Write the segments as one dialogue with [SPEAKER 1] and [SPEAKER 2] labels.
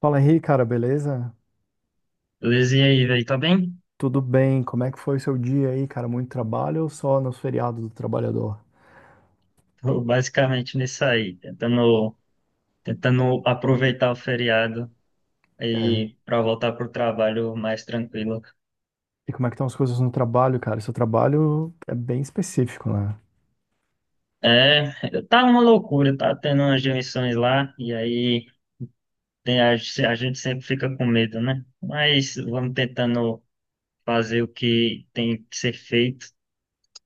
[SPEAKER 1] Fala Henrique, cara, beleza?
[SPEAKER 2] Luiz, e aí, velho, tá bem?
[SPEAKER 1] Tudo bem? Como é que foi o seu dia aí, cara? Muito trabalho ou só nos feriados do trabalhador?
[SPEAKER 2] Tô basicamente nisso aí, tentando aproveitar o feriado
[SPEAKER 1] É.
[SPEAKER 2] e para voltar pro trabalho mais tranquilo.
[SPEAKER 1] E como é que estão as coisas no trabalho, cara? Seu trabalho é bem específico, né?
[SPEAKER 2] É, tá uma loucura, tá tendo umas demissões lá, e aí tem a gente sempre fica com medo, né? Mas vamos tentando fazer o que tem que ser feito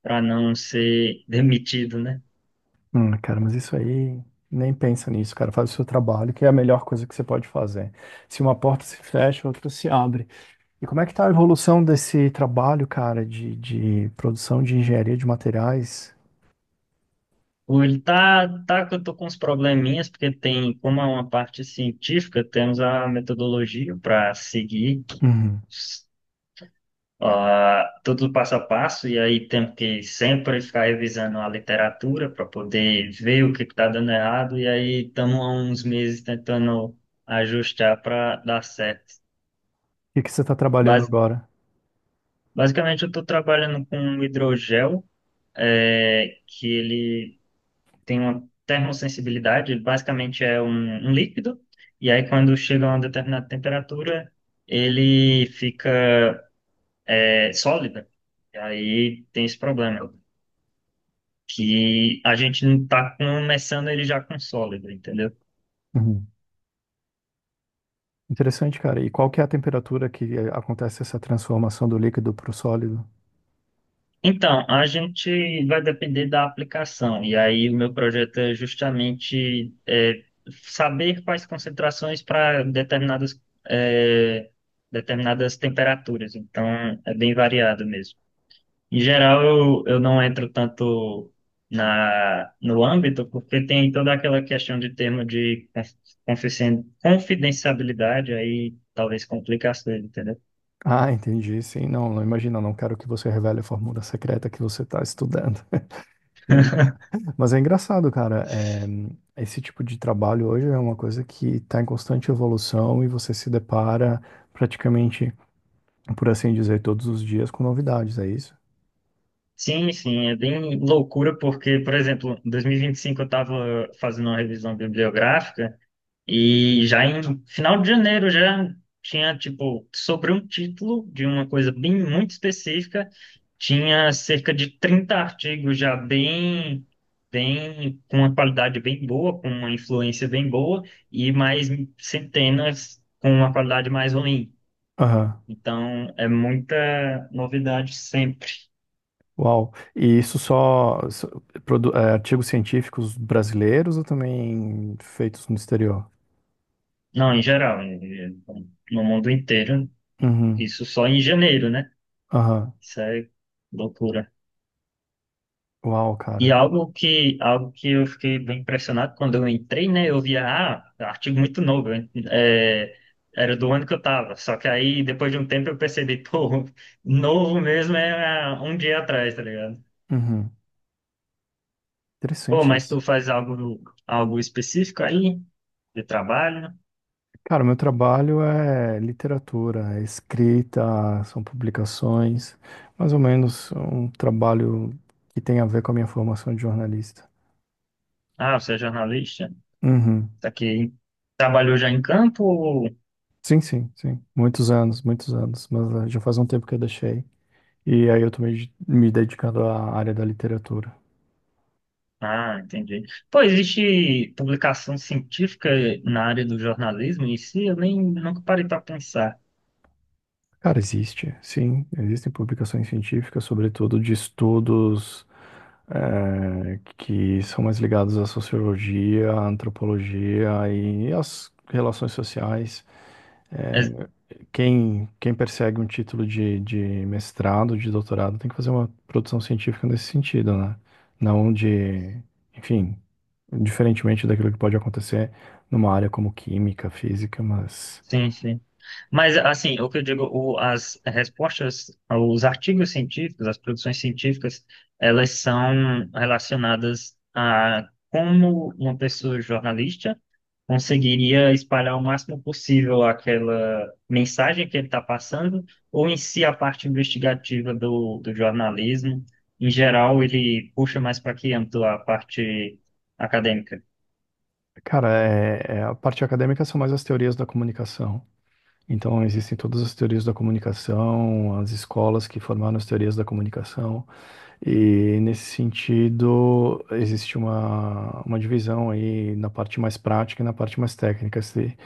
[SPEAKER 2] para não ser demitido, né?
[SPEAKER 1] Cara, mas isso aí, nem pensa nisso, cara. Faz o seu trabalho, que é a melhor coisa que você pode fazer. Se uma porta se fecha, outra se abre. E como é que tá a evolução desse trabalho, cara, de produção de engenharia de materiais?
[SPEAKER 2] Hoje tá que eu tô com uns probleminhas, porque tem, como é uma parte científica, temos a metodologia para seguir
[SPEAKER 1] Uhum.
[SPEAKER 2] tudo passo a passo, e aí temos que sempre ficar revisando a literatura para poder ver o que está dando errado, e aí estamos há uns meses tentando ajustar para dar certo.
[SPEAKER 1] O que que você tá trabalhando
[SPEAKER 2] Bas-
[SPEAKER 1] agora?
[SPEAKER 2] Basicamente, eu estou trabalhando com um hidrogel, é, que ele tem uma termosensibilidade, ele basicamente é um líquido, e aí quando chega a uma determinada temperatura, ele fica é, sólida. E aí tem esse problema, que a gente não está começando ele já com sólido, entendeu?
[SPEAKER 1] Interessante, cara. E qual que é a temperatura que acontece essa transformação do líquido para o sólido?
[SPEAKER 2] Então, a gente vai depender da aplicação, e aí o meu projeto é justamente saber quais concentrações para é, determinadas temperaturas. Então, é bem variado mesmo. Em geral, eu não entro tanto no âmbito, porque tem toda aquela questão de termo de confidencialidade, aí talvez complica as coisas, entendeu?
[SPEAKER 1] Ah, entendi. Sim, não imagina, não quero que você revele a fórmula secreta que você está estudando. E- Mas é engraçado, cara. Esse tipo de trabalho hoje é uma coisa que está em constante evolução e você se depara praticamente, por assim dizer, todos os dias com novidades, é isso?
[SPEAKER 2] Sim, sim, é bem loucura, porque, por exemplo, em 2025 eu estava fazendo uma revisão bibliográfica. E já em final de janeiro já tinha, tipo, sobre um título de uma coisa bem muito específica, tinha cerca de 30 artigos já bem, com uma qualidade bem boa, com uma influência bem boa, e mais centenas com uma qualidade mais ruim.
[SPEAKER 1] Aham.
[SPEAKER 2] Então, é muita novidade sempre.
[SPEAKER 1] Uau. E isso artigos científicos brasileiros ou também feitos no exterior?
[SPEAKER 2] Não, em geral, no mundo inteiro,
[SPEAKER 1] Uhum.
[SPEAKER 2] isso só em janeiro, né?
[SPEAKER 1] Aham.
[SPEAKER 2] Isso é loucura.
[SPEAKER 1] Uau,
[SPEAKER 2] E
[SPEAKER 1] cara.
[SPEAKER 2] algo que eu fiquei bem impressionado quando eu entrei, né? Eu via, ah, artigo muito novo, hein, era do ano que eu tava. Só que aí, depois de um tempo, eu percebi, pô, novo mesmo é um dia atrás, tá ligado?
[SPEAKER 1] Uhum.
[SPEAKER 2] Pô,
[SPEAKER 1] Interessante
[SPEAKER 2] mas
[SPEAKER 1] isso.
[SPEAKER 2] tu faz algo específico aí, de trabalho?
[SPEAKER 1] Cara, meu trabalho é literatura, é escrita, são publicações, mais ou menos um trabalho que tem a ver com a minha formação de jornalista.
[SPEAKER 2] Ah, você é jornalista?
[SPEAKER 1] Uhum.
[SPEAKER 2] Tá aqui. Trabalhou já em campo? Ou...
[SPEAKER 1] Sim, sim, sim. Muitos anos, mas já faz um tempo que eu deixei. E aí eu tô me dedicando à área da literatura.
[SPEAKER 2] Ah, entendi. Pô, existe publicação científica na área do jornalismo em si? Eu nem nunca parei para pensar.
[SPEAKER 1] Cara, existe, sim, existem publicações científicas, sobretudo de estudos. Que são mais ligados à sociologia, à antropologia e às relações sociais. Eh, quem persegue um título de mestrado, de doutorado, tem que fazer uma produção científica nesse sentido, né? Não de, enfim, diferentemente daquilo que pode acontecer numa área como química, física, mas,
[SPEAKER 2] Sim, sim. Mas, assim, o que eu digo, as respostas, os artigos científicos, as produções científicas, elas são relacionadas a como uma pessoa jornalista conseguiria espalhar o máximo possível aquela mensagem que ele está passando, ou em si a parte investigativa do jornalismo. Em geral, ele puxa mais para que âmbito a parte acadêmica.
[SPEAKER 1] cara, a parte acadêmica são mais as teorias da comunicação. Então, existem todas as teorias da comunicação, as escolas que formaram as teorias da comunicação, e nesse sentido, existe uma divisão aí na parte mais prática e na parte mais técnica. Se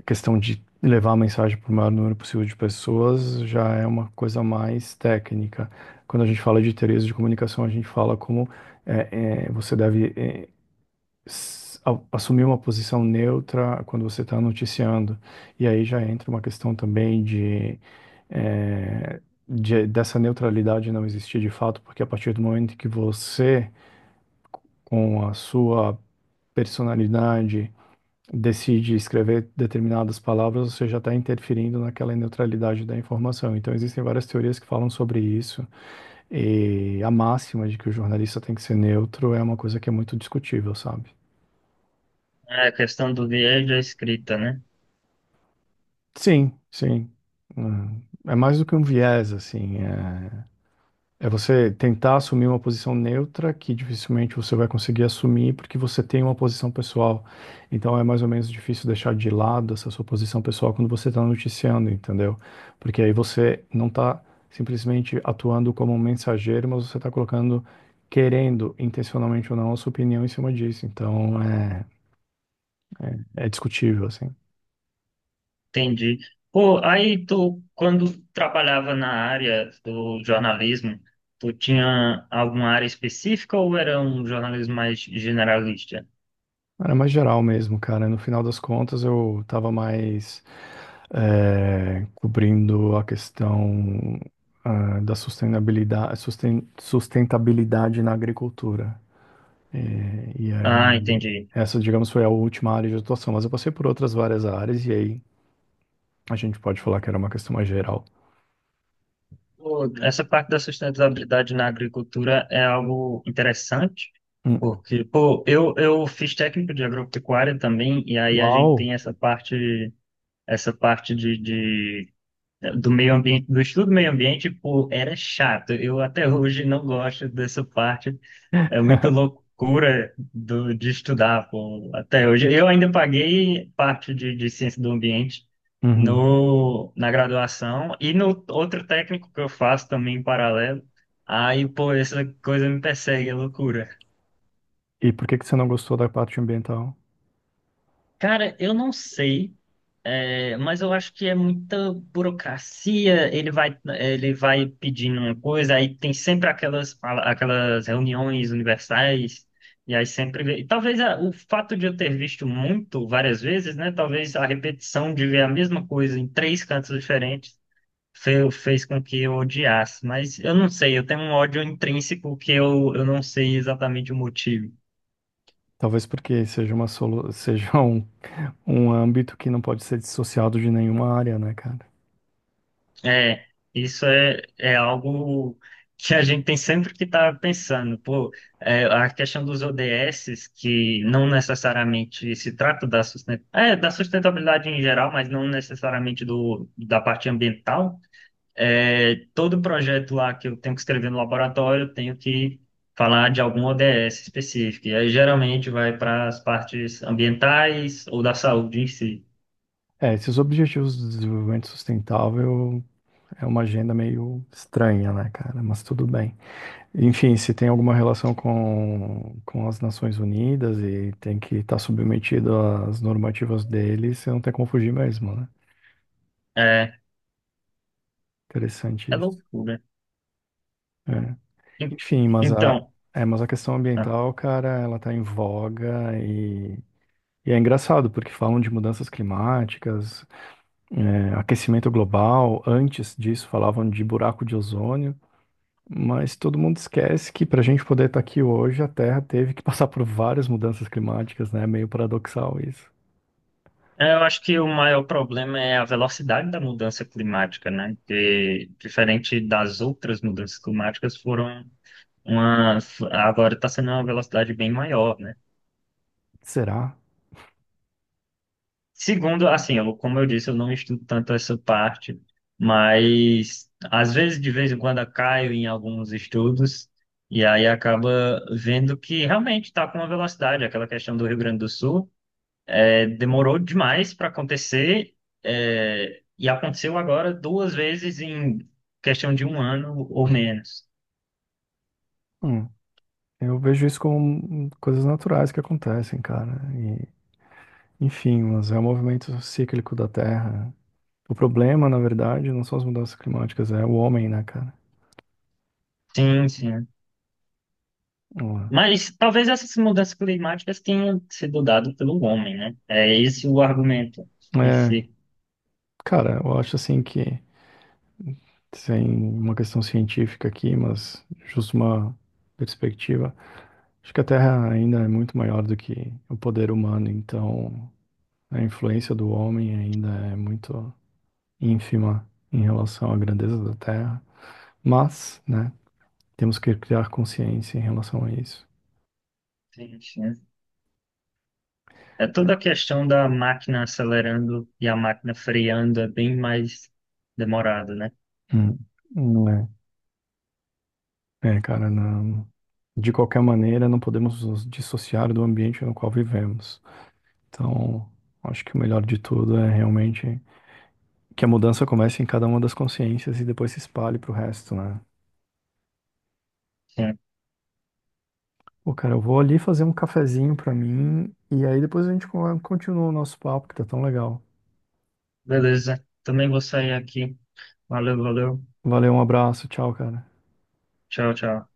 [SPEAKER 1] a questão de levar a mensagem para o maior número possível de pessoas já é uma coisa mais técnica. Quando a gente fala de teorias de comunicação, a gente fala como é, você deve assumir uma posição neutra quando você está noticiando. E aí já entra uma questão também de, eh, dessa neutralidade não existir de fato, porque a partir do momento que você, com a sua personalidade, decide escrever determinadas palavras, você já está interferindo naquela neutralidade da informação. Então existem várias teorias que falam sobre isso, e a máxima de que o jornalista tem que ser neutro é uma coisa que é muito discutível, sabe?
[SPEAKER 2] É a questão do viés da escrita, né?
[SPEAKER 1] Sim, sim. Hum. É mais do que um viés, assim. É, é você tentar assumir uma posição neutra que dificilmente você vai conseguir assumir porque você tem uma posição pessoal. Então é mais ou menos difícil deixar de lado essa sua posição pessoal quando você está noticiando, entendeu? Porque aí você não está simplesmente atuando como um mensageiro, mas você está colocando, querendo, intencionalmente ou não, a sua opinião em cima disso. Então é discutível, assim.
[SPEAKER 2] Entendi. Pô, aí tu, quando trabalhava na área do jornalismo, tu tinha alguma área específica ou era um jornalismo mais generalista?
[SPEAKER 1] Era mais geral mesmo, cara. No final das contas, eu tava mais cobrindo a questão ah, da sustentabilidade, sustentabilidade na agricultura. Eh, E,
[SPEAKER 2] Ah,
[SPEAKER 1] aí,
[SPEAKER 2] entendi.
[SPEAKER 1] Essa, digamos, foi a última área de atuação, mas eu passei por outras várias áreas, e aí a gente pode falar que era uma questão mais geral.
[SPEAKER 2] Pô, essa parte da sustentabilidade na agricultura é algo interessante,
[SPEAKER 1] Hum.
[SPEAKER 2] porque, pô, eu fiz técnico de agropecuária também, e aí a gente
[SPEAKER 1] Uau!
[SPEAKER 2] tem essa parte do meio ambiente, do estudo do meio ambiente, pô, era chato. Eu até hoje não gosto dessa parte. É muita loucura do, de estudar, pô, até hoje. Eu ainda paguei parte de ciência do ambiente
[SPEAKER 1] Uhum.
[SPEAKER 2] no, na graduação e no outro técnico que eu faço também em paralelo. Aí, pô, essa coisa me persegue, é loucura.
[SPEAKER 1] E por que que você não gostou da parte ambiental?
[SPEAKER 2] Cara, eu não sei, é, mas eu acho que é muita burocracia. Ele vai pedindo uma coisa, aí tem sempre aquelas reuniões universais, e aí sempre. E talvez o fato de eu ter visto muito várias vezes, né? Talvez a repetição de ver a mesma coisa em três cantos diferentes fez com que eu odiasse. Mas eu não sei, eu, tenho um ódio intrínseco que eu não sei exatamente o motivo.
[SPEAKER 1] Talvez porque seja uma solu... seja um âmbito que não pode ser dissociado de nenhuma área, né, cara?
[SPEAKER 2] É, isso é algo que a gente tem sempre que estar pensando. Pô, é, a questão dos ODS, que não necessariamente se trata da sustentabilidade em geral, mas não necessariamente da parte ambiental. É, todo projeto lá que eu tenho que escrever no laboratório, eu tenho que falar de algum ODS específico. E aí, geralmente, vai para as partes ambientais ou da saúde em si.
[SPEAKER 1] É, esses objetivos de desenvolvimento sustentável é uma agenda meio estranha, né, cara? Mas tudo bem. Enfim, se tem alguma relação com as Nações Unidas e tem que estar submetido às normativas deles, você não tem como fugir mesmo, né?
[SPEAKER 2] É,
[SPEAKER 1] Interessante
[SPEAKER 2] é
[SPEAKER 1] isso.
[SPEAKER 2] loucura.
[SPEAKER 1] É.
[SPEAKER 2] En-
[SPEAKER 1] Enfim,
[SPEAKER 2] Então.
[SPEAKER 1] mas a questão
[SPEAKER 2] Ah.
[SPEAKER 1] ambiental, cara, ela tá em voga e é engraçado, porque falam de mudanças climáticas, é, aquecimento global, antes disso falavam de buraco de ozônio, mas todo mundo esquece que para a gente poder estar aqui hoje, a Terra teve que passar por várias mudanças climáticas, né? É Meio paradoxal isso.
[SPEAKER 2] É, eu acho que o maior problema é a velocidade da mudança climática, né? Que, diferente das outras mudanças climáticas, foram uma. Agora está sendo uma velocidade bem maior, né?
[SPEAKER 1] Será?
[SPEAKER 2] Segundo, assim, eu, como eu disse, eu não estudo tanto essa parte, mas às vezes, de vez em quando, eu caio em alguns estudos e aí acaba vendo que realmente está com uma velocidade, aquela questão do Rio Grande do Sul. É, demorou demais para acontecer, é, e aconteceu agora duas vezes em questão de um ano ou menos.
[SPEAKER 1] Hum, eu vejo isso como coisas naturais que acontecem, cara. E, enfim, mas é o movimento cíclico da Terra. O problema, na verdade, não são as mudanças climáticas, é o homem, né, cara?
[SPEAKER 2] Sim, sim.
[SPEAKER 1] Hum.
[SPEAKER 2] Mas talvez essas mudanças climáticas tenham sido dadas pelo homem, né? É esse o argumento em
[SPEAKER 1] É,
[SPEAKER 2] si.
[SPEAKER 1] cara, eu acho assim que sem uma questão científica aqui, mas justo uma perspectiva. Acho que a Terra ainda é muito maior do que o poder humano, então a influência do homem ainda é muito ínfima em relação à grandeza da Terra, mas, né, temos que criar consciência em relação a isso.
[SPEAKER 2] Sim, sim. É toda a questão da máquina acelerando e a máquina freando é bem mais demorado, né?
[SPEAKER 1] Hum, não é. É, cara, não. De qualquer maneira, não podemos nos dissociar do ambiente no qual vivemos. Então, acho que o melhor de tudo é realmente que a mudança comece em cada uma das consciências e depois se espalhe pro resto, né?
[SPEAKER 2] Sim.
[SPEAKER 1] Pô, cara, eu vou ali fazer um cafezinho pra mim e aí depois a gente continua o nosso papo, que tá tão legal.
[SPEAKER 2] Beleza. Também vou sair aqui. Valeu, valeu.
[SPEAKER 1] Valeu, um abraço, tchau, cara.
[SPEAKER 2] Tchau, tchau.